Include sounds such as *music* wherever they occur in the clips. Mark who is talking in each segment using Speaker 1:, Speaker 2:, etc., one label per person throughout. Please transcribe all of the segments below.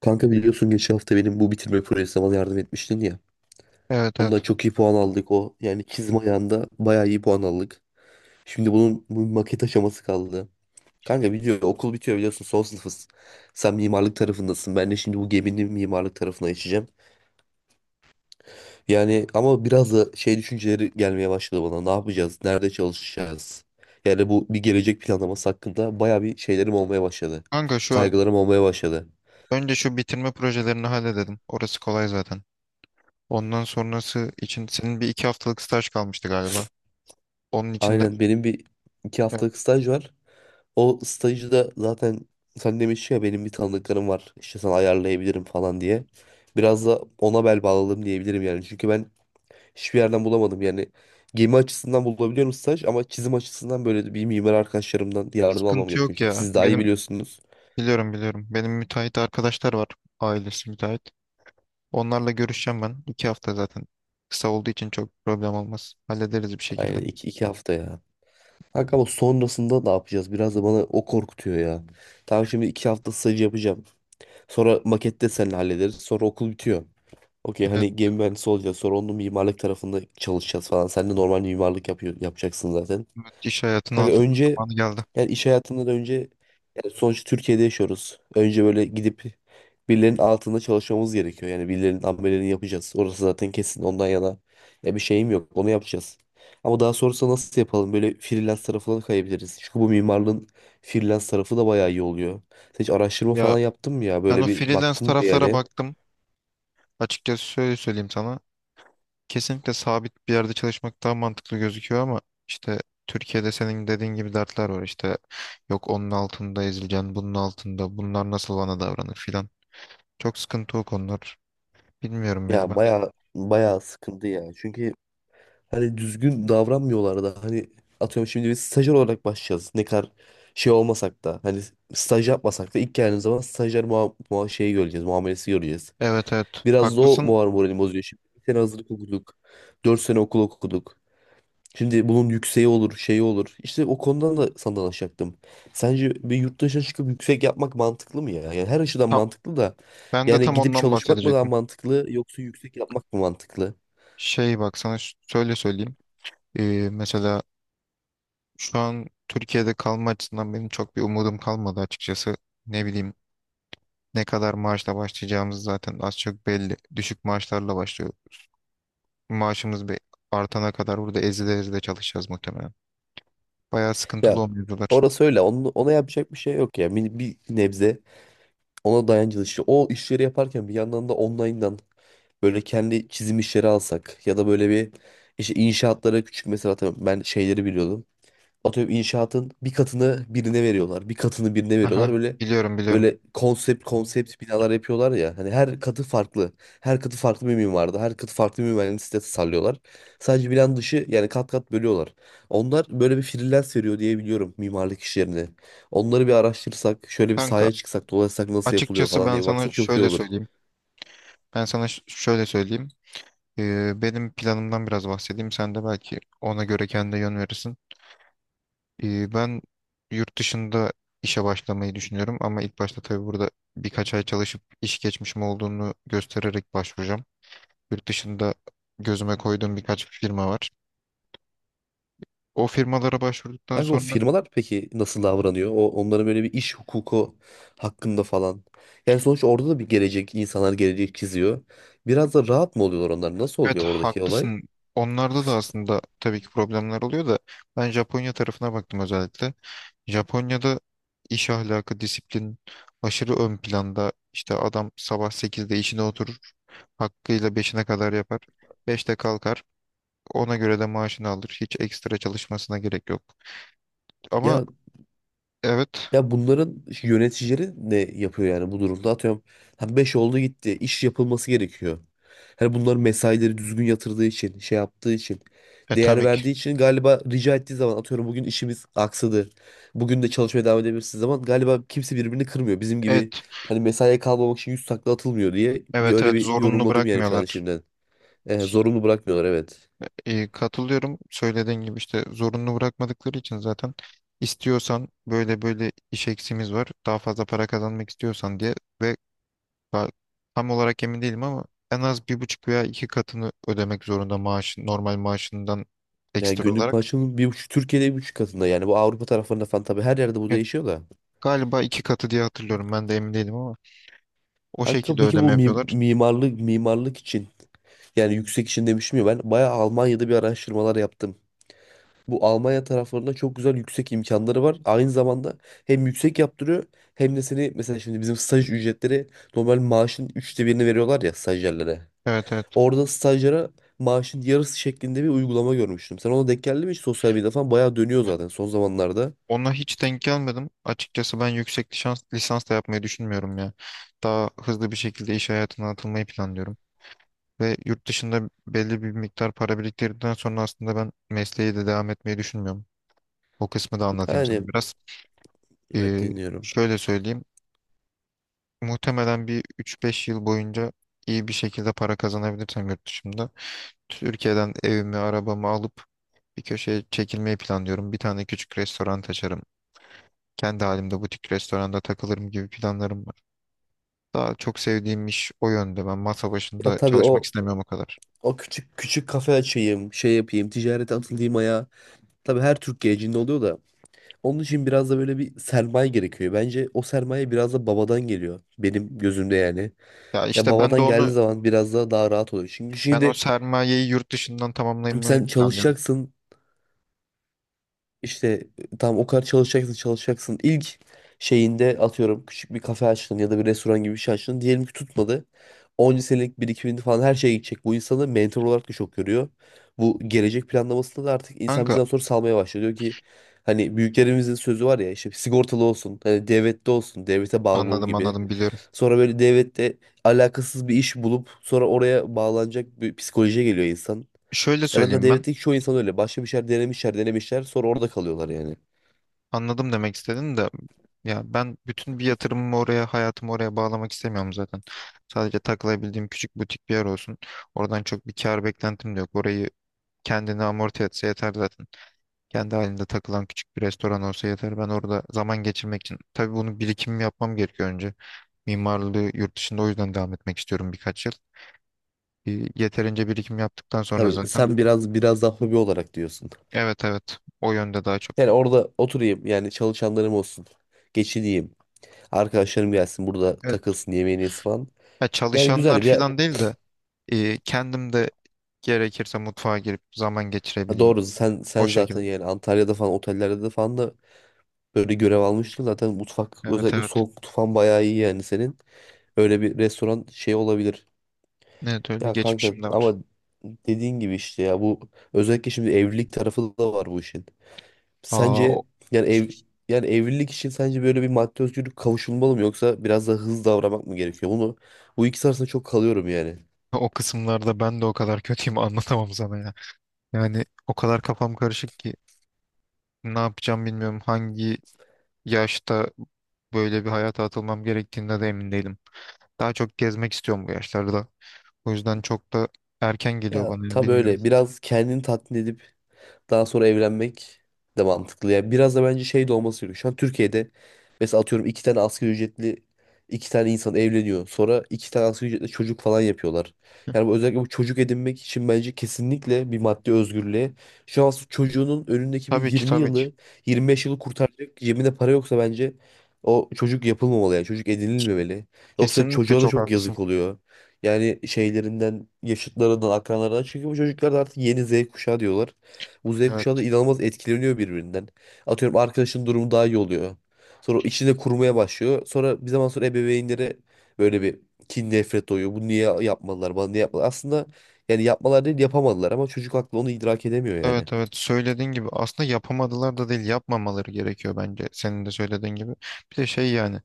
Speaker 1: Kanka biliyorsun geçen hafta benim bu bitirme projesine bana yardım etmiştin ya.
Speaker 2: Evet
Speaker 1: Ondan
Speaker 2: evet.
Speaker 1: çok iyi puan aldık o. Yani çizim ayağında bayağı iyi puan aldık. Şimdi bunun bu maket aşaması kaldı. Kanka biliyor okul bitiyor biliyorsun son sınıfız. Sen mimarlık tarafındasın. Ben de şimdi bu geminin mimarlık tarafına geçeceğim. Yani ama biraz da şey düşünceleri gelmeye başladı bana. Ne yapacağız? Nerede çalışacağız? Yani bu bir gelecek planlaması hakkında bayağı bir şeylerim olmaya başladı.
Speaker 2: Kanka
Speaker 1: Kaygılarım olmaya başladı.
Speaker 2: önce şu bitirme projelerini halledelim. Orası kolay zaten. Ondan sonrası için senin bir iki haftalık staj kalmıştı galiba. Onun içinde
Speaker 1: Aynen benim bir iki
Speaker 2: yani
Speaker 1: haftalık staj var. O stajı da zaten sen demiştin ya benim bir tanıdıklarım var. İşte sana ayarlayabilirim falan diye. Biraz da ona bel bağladım diyebilirim yani. Çünkü ben hiçbir yerden bulamadım yani. Gemi açısından bulabiliyorum staj ama çizim açısından böyle bir mimar arkadaşlarımdan yardım almam
Speaker 2: sıkıntı
Speaker 1: gerekiyor.
Speaker 2: yok
Speaker 1: Çünkü
Speaker 2: ya.
Speaker 1: siz daha iyi biliyorsunuz.
Speaker 2: Biliyorum biliyorum. Benim müteahhit arkadaşlar var. Ailesi müteahhit. Onlarla görüşeceğim ben. İki hafta zaten. Kısa olduğu için çok problem olmaz. Hallederiz bir şekilde.
Speaker 1: Aynen iki hafta ya. Kanka ama sonrasında ne yapacağız? Biraz da bana o korkutuyor ya. Tamam, şimdi iki hafta staj yapacağım. Sonra makette seninle hallederiz. Sonra okul bitiyor. Okey, hani
Speaker 2: Evet,
Speaker 1: gemi mühendisi olacağız. Sonra onun mimarlık tarafında çalışacağız falan. Sen de normal mimarlık yapıyor, yapacaksın zaten.
Speaker 2: evet, iş hayatına
Speaker 1: Kanka
Speaker 2: atılma
Speaker 1: önce
Speaker 2: zamanı geldi.
Speaker 1: yani iş hayatından önce yani sonuçta Türkiye'de yaşıyoruz. Önce böyle gidip birilerinin altında çalışmamız gerekiyor. Yani birilerinin ameliyatını yapacağız. Orası zaten kesin, ondan yana ya bir şeyim yok. Onu yapacağız. Ama daha sonrasında nasıl yapalım? Böyle freelance tarafına da kayabiliriz. Çünkü bu mimarlığın freelance tarafı da bayağı iyi oluyor. Sen hiç araştırma
Speaker 2: Ya
Speaker 1: falan yaptın mı ya?
Speaker 2: ben
Speaker 1: Böyle
Speaker 2: o
Speaker 1: bir
Speaker 2: freelance
Speaker 1: baktın mı
Speaker 2: taraflara
Speaker 1: yani?
Speaker 2: baktım. Açıkçası şöyle söyleyeyim sana. Kesinlikle sabit bir yerde çalışmak daha mantıklı gözüküyor ama işte Türkiye'de senin dediğin gibi dertler var, işte yok onun altında ezileceksin, bunun altında, bunlar nasıl bana davranır filan. Çok sıkıntı o konular. Bilmiyorum ya
Speaker 1: Ya
Speaker 2: ben.
Speaker 1: baya baya sıkıntı ya. Çünkü hani düzgün davranmıyorlar da, hani atıyorum şimdi biz stajyer olarak başlayacağız. Ne kadar şey olmasak da, hani staj yapmasak da ilk geldiğimiz zaman stajyer muha muha şeyi göreceğiz, muamelesi göreceğiz.
Speaker 2: Evet, evet
Speaker 1: Biraz da o
Speaker 2: haklısın.
Speaker 1: moralimi bozuyor. Şimdi bir sene hazırlık okuduk. Dört sene okul okuduk. Şimdi bunun yükseği olur, şeyi olur. İşte o konudan da sana danışacaktım. Sence bir yurt dışına çıkıp yüksek yapmak mantıklı mı ya? Yani her açıdan
Speaker 2: Tam,
Speaker 1: mantıklı da.
Speaker 2: ben de
Speaker 1: Yani
Speaker 2: tam
Speaker 1: gidip
Speaker 2: ondan
Speaker 1: çalışmak mı daha
Speaker 2: bahsedecektim.
Speaker 1: mantıklı, yoksa yüksek yapmak mı mantıklı?
Speaker 2: Şey bak sana şöyle söyleyeyim. Mesela şu an Türkiye'de kalma açısından benim çok bir umudum kalmadı açıkçası. Ne bileyim, ne kadar maaşla başlayacağımız zaten az çok belli. Düşük maaşlarla başlıyor. Maaşımız bir artana kadar burada ezide ezide çalışacağız muhtemelen. Bayağı sıkıntılı
Speaker 1: Ya
Speaker 2: o mevzular.
Speaker 1: orası öyle. Onu, ona yapacak bir şey yok ya. Bir nebze ona dayancılı işte. O işleri yaparken bir yandan da online'dan böyle kendi çizim işleri alsak ya da böyle bir işte inşaatlara küçük, mesela atıyorum ben şeyleri biliyordum, atıyorum inşaatın bir katını birine veriyorlar. Bir katını birine veriyorlar.
Speaker 2: Aha,
Speaker 1: Böyle
Speaker 2: biliyorum biliyorum.
Speaker 1: böyle konsept konsept binalar yapıyorlar ya. Hani her katı farklı. Her katı farklı bir mimarda. Her katı farklı bir mühendislikte sitesi tasarlıyorlar. Sadece binanın dışı, yani kat kat bölüyorlar. Onlar böyle bir freelance veriyor diye biliyorum mimarlık işlerine. Onları bir araştırsak, şöyle bir
Speaker 2: Kanka
Speaker 1: sahaya çıksak, dolaşsak nasıl yapılıyor
Speaker 2: açıkçası
Speaker 1: falan
Speaker 2: ben
Speaker 1: diye
Speaker 2: sana
Speaker 1: baksak çok iyi
Speaker 2: şöyle
Speaker 1: olur.
Speaker 2: söyleyeyim. Ben sana şöyle söyleyeyim. Benim planımdan biraz bahsedeyim. Sen de belki ona göre kendine yön verirsin. Ben yurt dışında işe başlamayı düşünüyorum ama ilk başta tabii burada birkaç ay çalışıp iş geçmişim olduğunu göstererek başvuracağım. Yurt dışında gözüme koyduğum birkaç firma var. O firmalara başvurduktan
Speaker 1: Kanka, o
Speaker 2: sonra...
Speaker 1: firmalar peki nasıl davranıyor? O onların böyle bir iş hukuku hakkında falan. Yani sonuçta orada da bir gelecek, insanlar gelecek çiziyor. Biraz da rahat mı oluyorlar onlar? Nasıl
Speaker 2: Evet,
Speaker 1: oluyor oradaki olay?
Speaker 2: haklısın. Onlarda da aslında tabii ki problemler oluyor da ben Japonya tarafına baktım özellikle. Japonya'da iş ahlakı, disiplin aşırı ön planda. İşte adam sabah sekizde işine oturur. Hakkıyla beşine kadar yapar. Beşte kalkar. Ona göre de maaşını alır. Hiç ekstra çalışmasına gerek yok. Ama
Speaker 1: Ya
Speaker 2: evet,
Speaker 1: Ya bunların yöneticileri ne yapıyor yani bu durumda? Atıyorum hani 5 oldu, gitti. İş yapılması gerekiyor. Hani bunlar mesaileri düzgün yatırdığı için, şey yaptığı için, değer
Speaker 2: tabii ki.
Speaker 1: verdiği için galiba rica ettiği zaman atıyorum, bugün işimiz aksadı. Bugün de çalışmaya devam edebilirsiniz zaman galiba kimse birbirini kırmıyor. Bizim gibi
Speaker 2: Evet,
Speaker 1: hani mesaiye kalmamak için yüz takla atılmıyor diye bir
Speaker 2: evet,
Speaker 1: öyle
Speaker 2: evet,
Speaker 1: bir
Speaker 2: zorunlu
Speaker 1: yorumladım yani şu an
Speaker 2: bırakmıyorlar.
Speaker 1: şimdiden. Zorunlu bırakmıyorlar, evet.
Speaker 2: E, katılıyorum. Söylediğin gibi işte zorunlu bırakmadıkları için zaten istiyorsan böyle böyle iş eksimiz var. Daha fazla para kazanmak istiyorsan diye. Ve ba- tam olarak emin değilim ama en az bir buçuk veya iki katını ödemek zorunda maaşın, normal maaşından
Speaker 1: Yani
Speaker 2: ekstra
Speaker 1: günlük
Speaker 2: olarak.
Speaker 1: maaşının bir buçuk, Türkiye'de bir buçuk katında yani, bu Avrupa taraflarında falan tabii her yerde bu
Speaker 2: Evet,
Speaker 1: değişiyor da.
Speaker 2: galiba iki katı diye hatırlıyorum. Ben de emin değilim ama o
Speaker 1: Kanka
Speaker 2: şekilde
Speaker 1: peki
Speaker 2: ödeme
Speaker 1: bu mi-
Speaker 2: yapıyorlar.
Speaker 1: mimarlık mimarlık için, yani yüksek için demiştim ya, ben bayağı Almanya'da bir araştırmalar yaptım. Bu Almanya taraflarında çok güzel yüksek imkanları var. Aynı zamanda hem yüksek yaptırıyor hem de seni, mesela şimdi bizim staj ücretleri normal maaşın üçte birini veriyorlar ya stajyerlere.
Speaker 2: Evet evet.
Speaker 1: Orada stajyere maaşın yarısı şeklinde bir uygulama görmüştüm. Sen ona denk geldi mi hiç? Sosyal medyada falan bayağı dönüyor
Speaker 2: Ya,
Speaker 1: zaten son zamanlarda.
Speaker 2: ona hiç denk gelmedim. Açıkçası ben yüksek lisans, lisans da yapmayı düşünmüyorum ya. Daha hızlı bir şekilde iş hayatına atılmayı planlıyorum. Ve yurt dışında belli bir miktar para biriktirdikten sonra aslında ben mesleği de devam etmeyi düşünmüyorum. O kısmı da anlatayım
Speaker 1: Yani
Speaker 2: sana biraz.
Speaker 1: evet,
Speaker 2: Ee,
Speaker 1: dinliyorum.
Speaker 2: şöyle söyleyeyim. Muhtemelen bir 3-5 yıl boyunca iyi bir şekilde para kazanabilirsem yurt dışında. Türkiye'den evimi, arabamı alıp bir köşeye çekilmeyi planlıyorum. Bir tane küçük restoran açarım. Kendi halimde butik restoranda takılırım gibi planlarım var. Daha çok sevdiğim iş o yönde. Ben masa
Speaker 1: Ya
Speaker 2: başında
Speaker 1: tabii
Speaker 2: çalışmak
Speaker 1: o
Speaker 2: istemiyorum o kadar.
Speaker 1: o küçük küçük kafe açayım, şey yapayım, ticarete atılayım ayağa. Tabii her Türk gencinde oluyor da. Onun için biraz da böyle bir sermaye gerekiyor. Bence o sermaye biraz da babadan geliyor. Benim gözümde yani.
Speaker 2: Ya
Speaker 1: Ya
Speaker 2: işte ben
Speaker 1: babadan
Speaker 2: de
Speaker 1: geldiği
Speaker 2: onu...
Speaker 1: zaman biraz da daha rahat oluyor. Çünkü
Speaker 2: Ben o
Speaker 1: şimdi
Speaker 2: sermayeyi yurt dışından tamamlamayı
Speaker 1: sen
Speaker 2: planlıyorum.
Speaker 1: çalışacaksın. İşte tam o kadar çalışacaksın çalışacaksın. İlk şeyinde atıyorum küçük bir kafe açtın ya da bir restoran gibi bir şey açtın. Diyelim ki tutmadı. 10 senelik birikimin falan her şeye gidecek. Bu insanı mentor olarak da çok görüyor. Bu gelecek planlamasında da artık insan
Speaker 2: Kanka
Speaker 1: bizden sonra salmaya başlıyor. Diyor ki hani büyüklerimizin sözü var ya, işte sigortalı olsun. Hani devlette olsun. Devlete bağlı ol
Speaker 2: anladım
Speaker 1: gibi.
Speaker 2: anladım, biliyorum.
Speaker 1: Sonra böyle devlette alakasız bir iş bulup sonra oraya bağlanacak bir psikolojiye geliyor insan.
Speaker 2: Şöyle
Speaker 1: Ya zaten
Speaker 2: söyleyeyim ben.
Speaker 1: devletteki çoğu insan öyle. Başka bir şeyler denemişler, denemişler. Sonra orada kalıyorlar yani.
Speaker 2: Anladım demek istedin de, ya ben bütün bir yatırımımı oraya, hayatımı oraya bağlamak istemiyorum zaten. Sadece takılabildiğim küçük butik bir yer olsun. Oradan çok bir kar beklentim de yok. Orayı kendini amorti etse yeter zaten. Kendi halinde takılan küçük bir restoran olsa yeter. Ben orada zaman geçirmek için. Tabii bunu birikimimi yapmam gerekiyor önce. Mimarlığı yurt dışında o yüzden devam etmek istiyorum birkaç yıl. Yeterince birikim yaptıktan sonra
Speaker 1: Tabii
Speaker 2: zaten...
Speaker 1: sen biraz daha hobi olarak diyorsun.
Speaker 2: Evet evet. O yönde daha çok.
Speaker 1: Yani orada oturayım, yani çalışanlarım olsun. Geçineyim. Arkadaşlarım gelsin, burada
Speaker 2: Evet.
Speaker 1: takılsın, yemeğini yesin falan.
Speaker 2: Ya
Speaker 1: Yani
Speaker 2: çalışanlar
Speaker 1: güzel bir
Speaker 2: falan değil de kendim de gerekirse mutfağa girip zaman geçirebileyim.
Speaker 1: doğru, sen
Speaker 2: O
Speaker 1: sen zaten
Speaker 2: şekilde.
Speaker 1: yani Antalya'da falan otellerde de falan da böyle görev almıştın. Zaten mutfak,
Speaker 2: Evet
Speaker 1: özellikle
Speaker 2: evet.
Speaker 1: soğuk mutfağın bayağı iyi yani senin. Öyle bir restoran şey olabilir.
Speaker 2: Evet, öyle
Speaker 1: Ya kanka
Speaker 2: geçmişim de var.
Speaker 1: ama dediğin gibi işte ya bu, özellikle şimdi evlilik tarafı da var bu işin.
Speaker 2: Aa,
Speaker 1: Sence yani ev, yani evlilik için sence böyle bir maddi özgürlük kavuşulmalı mı, yoksa biraz daha hızlı davranmak mı gerekiyor? Bunu, bu ikisi arasında çok kalıyorum yani.
Speaker 2: o kısımlarda ben de o kadar *laughs* kötüyüm, anlatamam sana ya. Yani o kadar kafam karışık ki ne yapacağım bilmiyorum. Hangi yaşta böyle bir hayata atılmam gerektiğinde de emin değilim. Daha çok gezmek istiyorum bu yaşlarda. O yüzden çok da erken geliyor
Speaker 1: Ya
Speaker 2: bana ya,
Speaker 1: tabii
Speaker 2: bilmiyorum.
Speaker 1: öyle, biraz kendini tatmin edip daha sonra evlenmek de mantıklı. Yani biraz da bence şey de olması gerekiyor. Şu an Türkiye'de mesela atıyorum iki tane asgari ücretli iki tane insan evleniyor. Sonra iki tane asgari ücretli çocuk falan yapıyorlar. Yani bu, özellikle bu çocuk edinmek için bence kesinlikle bir maddi özgürlüğe. Şu an çocuğunun önündeki bir
Speaker 2: Tabii ki,
Speaker 1: 20
Speaker 2: tabii ki.
Speaker 1: yılı 25 yılı kurtaracak cebinde para yoksa bence o çocuk yapılmamalı, yani çocuk edinilmemeli. Yoksa
Speaker 2: Kesinlikle
Speaker 1: çocuğa da
Speaker 2: çok
Speaker 1: çok
Speaker 2: haklısın.
Speaker 1: yazık oluyor. Yani şeylerinden, yaşıtlarından, akranlarından. Çünkü bu çocuklar da artık yeni Z kuşağı diyorlar. Bu Z
Speaker 2: Evet,
Speaker 1: kuşağı da inanılmaz etkileniyor birbirinden. Atıyorum arkadaşın durumu daha iyi oluyor. Sonra o içinde kurmaya başlıyor. Sonra bir zaman sonra ebeveynlere böyle bir kin, nefret doğuyor. Bu niye yapmadılar, bana niye yapmadılar. Aslında yani yapmalar değil, yapamadılar ama çocuk aklı onu idrak edemiyor yani.
Speaker 2: evet, evet. Söylediğin gibi aslında yapamadılar da değil, yapmamaları gerekiyor bence. Senin de söylediğin gibi. Bir de şey yani,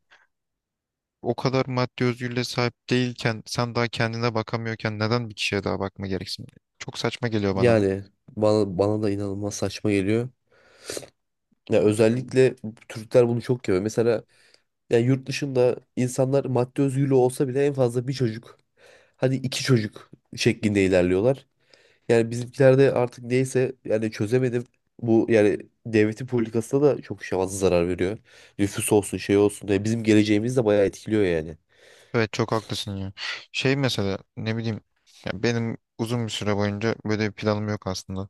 Speaker 2: o kadar maddi özgürlüğe sahip değilken, sen daha kendine bakamıyorken neden bir kişiye daha bakma gereksin? Çok saçma geliyor bana da.
Speaker 1: Yani bana da inanılmaz saçma geliyor. Ya
Speaker 2: Bilmiyorum.
Speaker 1: özellikle Türkler bunu çok yapıyor. Mesela yani yurt dışında insanlar maddi özgürlüğü olsa bile en fazla bir çocuk, hadi iki çocuk şeklinde ilerliyorlar. Yani bizimkilerde artık neyse yani çözemedim. Bu, yani devletin politikasına da çok şey fazla zarar veriyor. Nüfus olsun, şey olsun. Yani bizim geleceğimiz de bayağı etkiliyor yani.
Speaker 2: Evet, çok haklısın ya. Şey mesela, ne bileyim, ya benim uzun bir süre boyunca böyle bir planım yok aslında.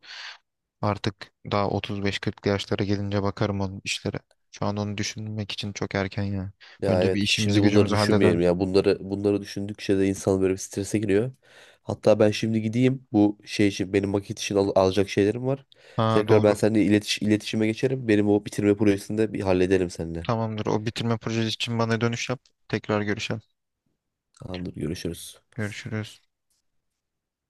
Speaker 2: Artık daha 35-40 yaşlara gelince bakarım onun işlere. Şu an onu düşünmek için çok erken ya.
Speaker 1: Ya
Speaker 2: Önce bir
Speaker 1: evet,
Speaker 2: işimizi
Speaker 1: şimdi bunları
Speaker 2: gücümüzü halledelim.
Speaker 1: düşünmeyelim ya. Bunları düşündükçe de insan böyle bir strese giriyor. Hatta ben şimdi gideyim, bu şey için, benim maket için alacak şeylerim var.
Speaker 2: Ha
Speaker 1: Tekrar ben
Speaker 2: doğru.
Speaker 1: seninle iletişime geçerim. Benim o bitirme projesini de bir hallederim seninle.
Speaker 2: Tamamdır. O bitirme projesi için bana dönüş yap. Tekrar görüşelim.
Speaker 1: Tamamdır, görüşürüz.
Speaker 2: Görüşürüz.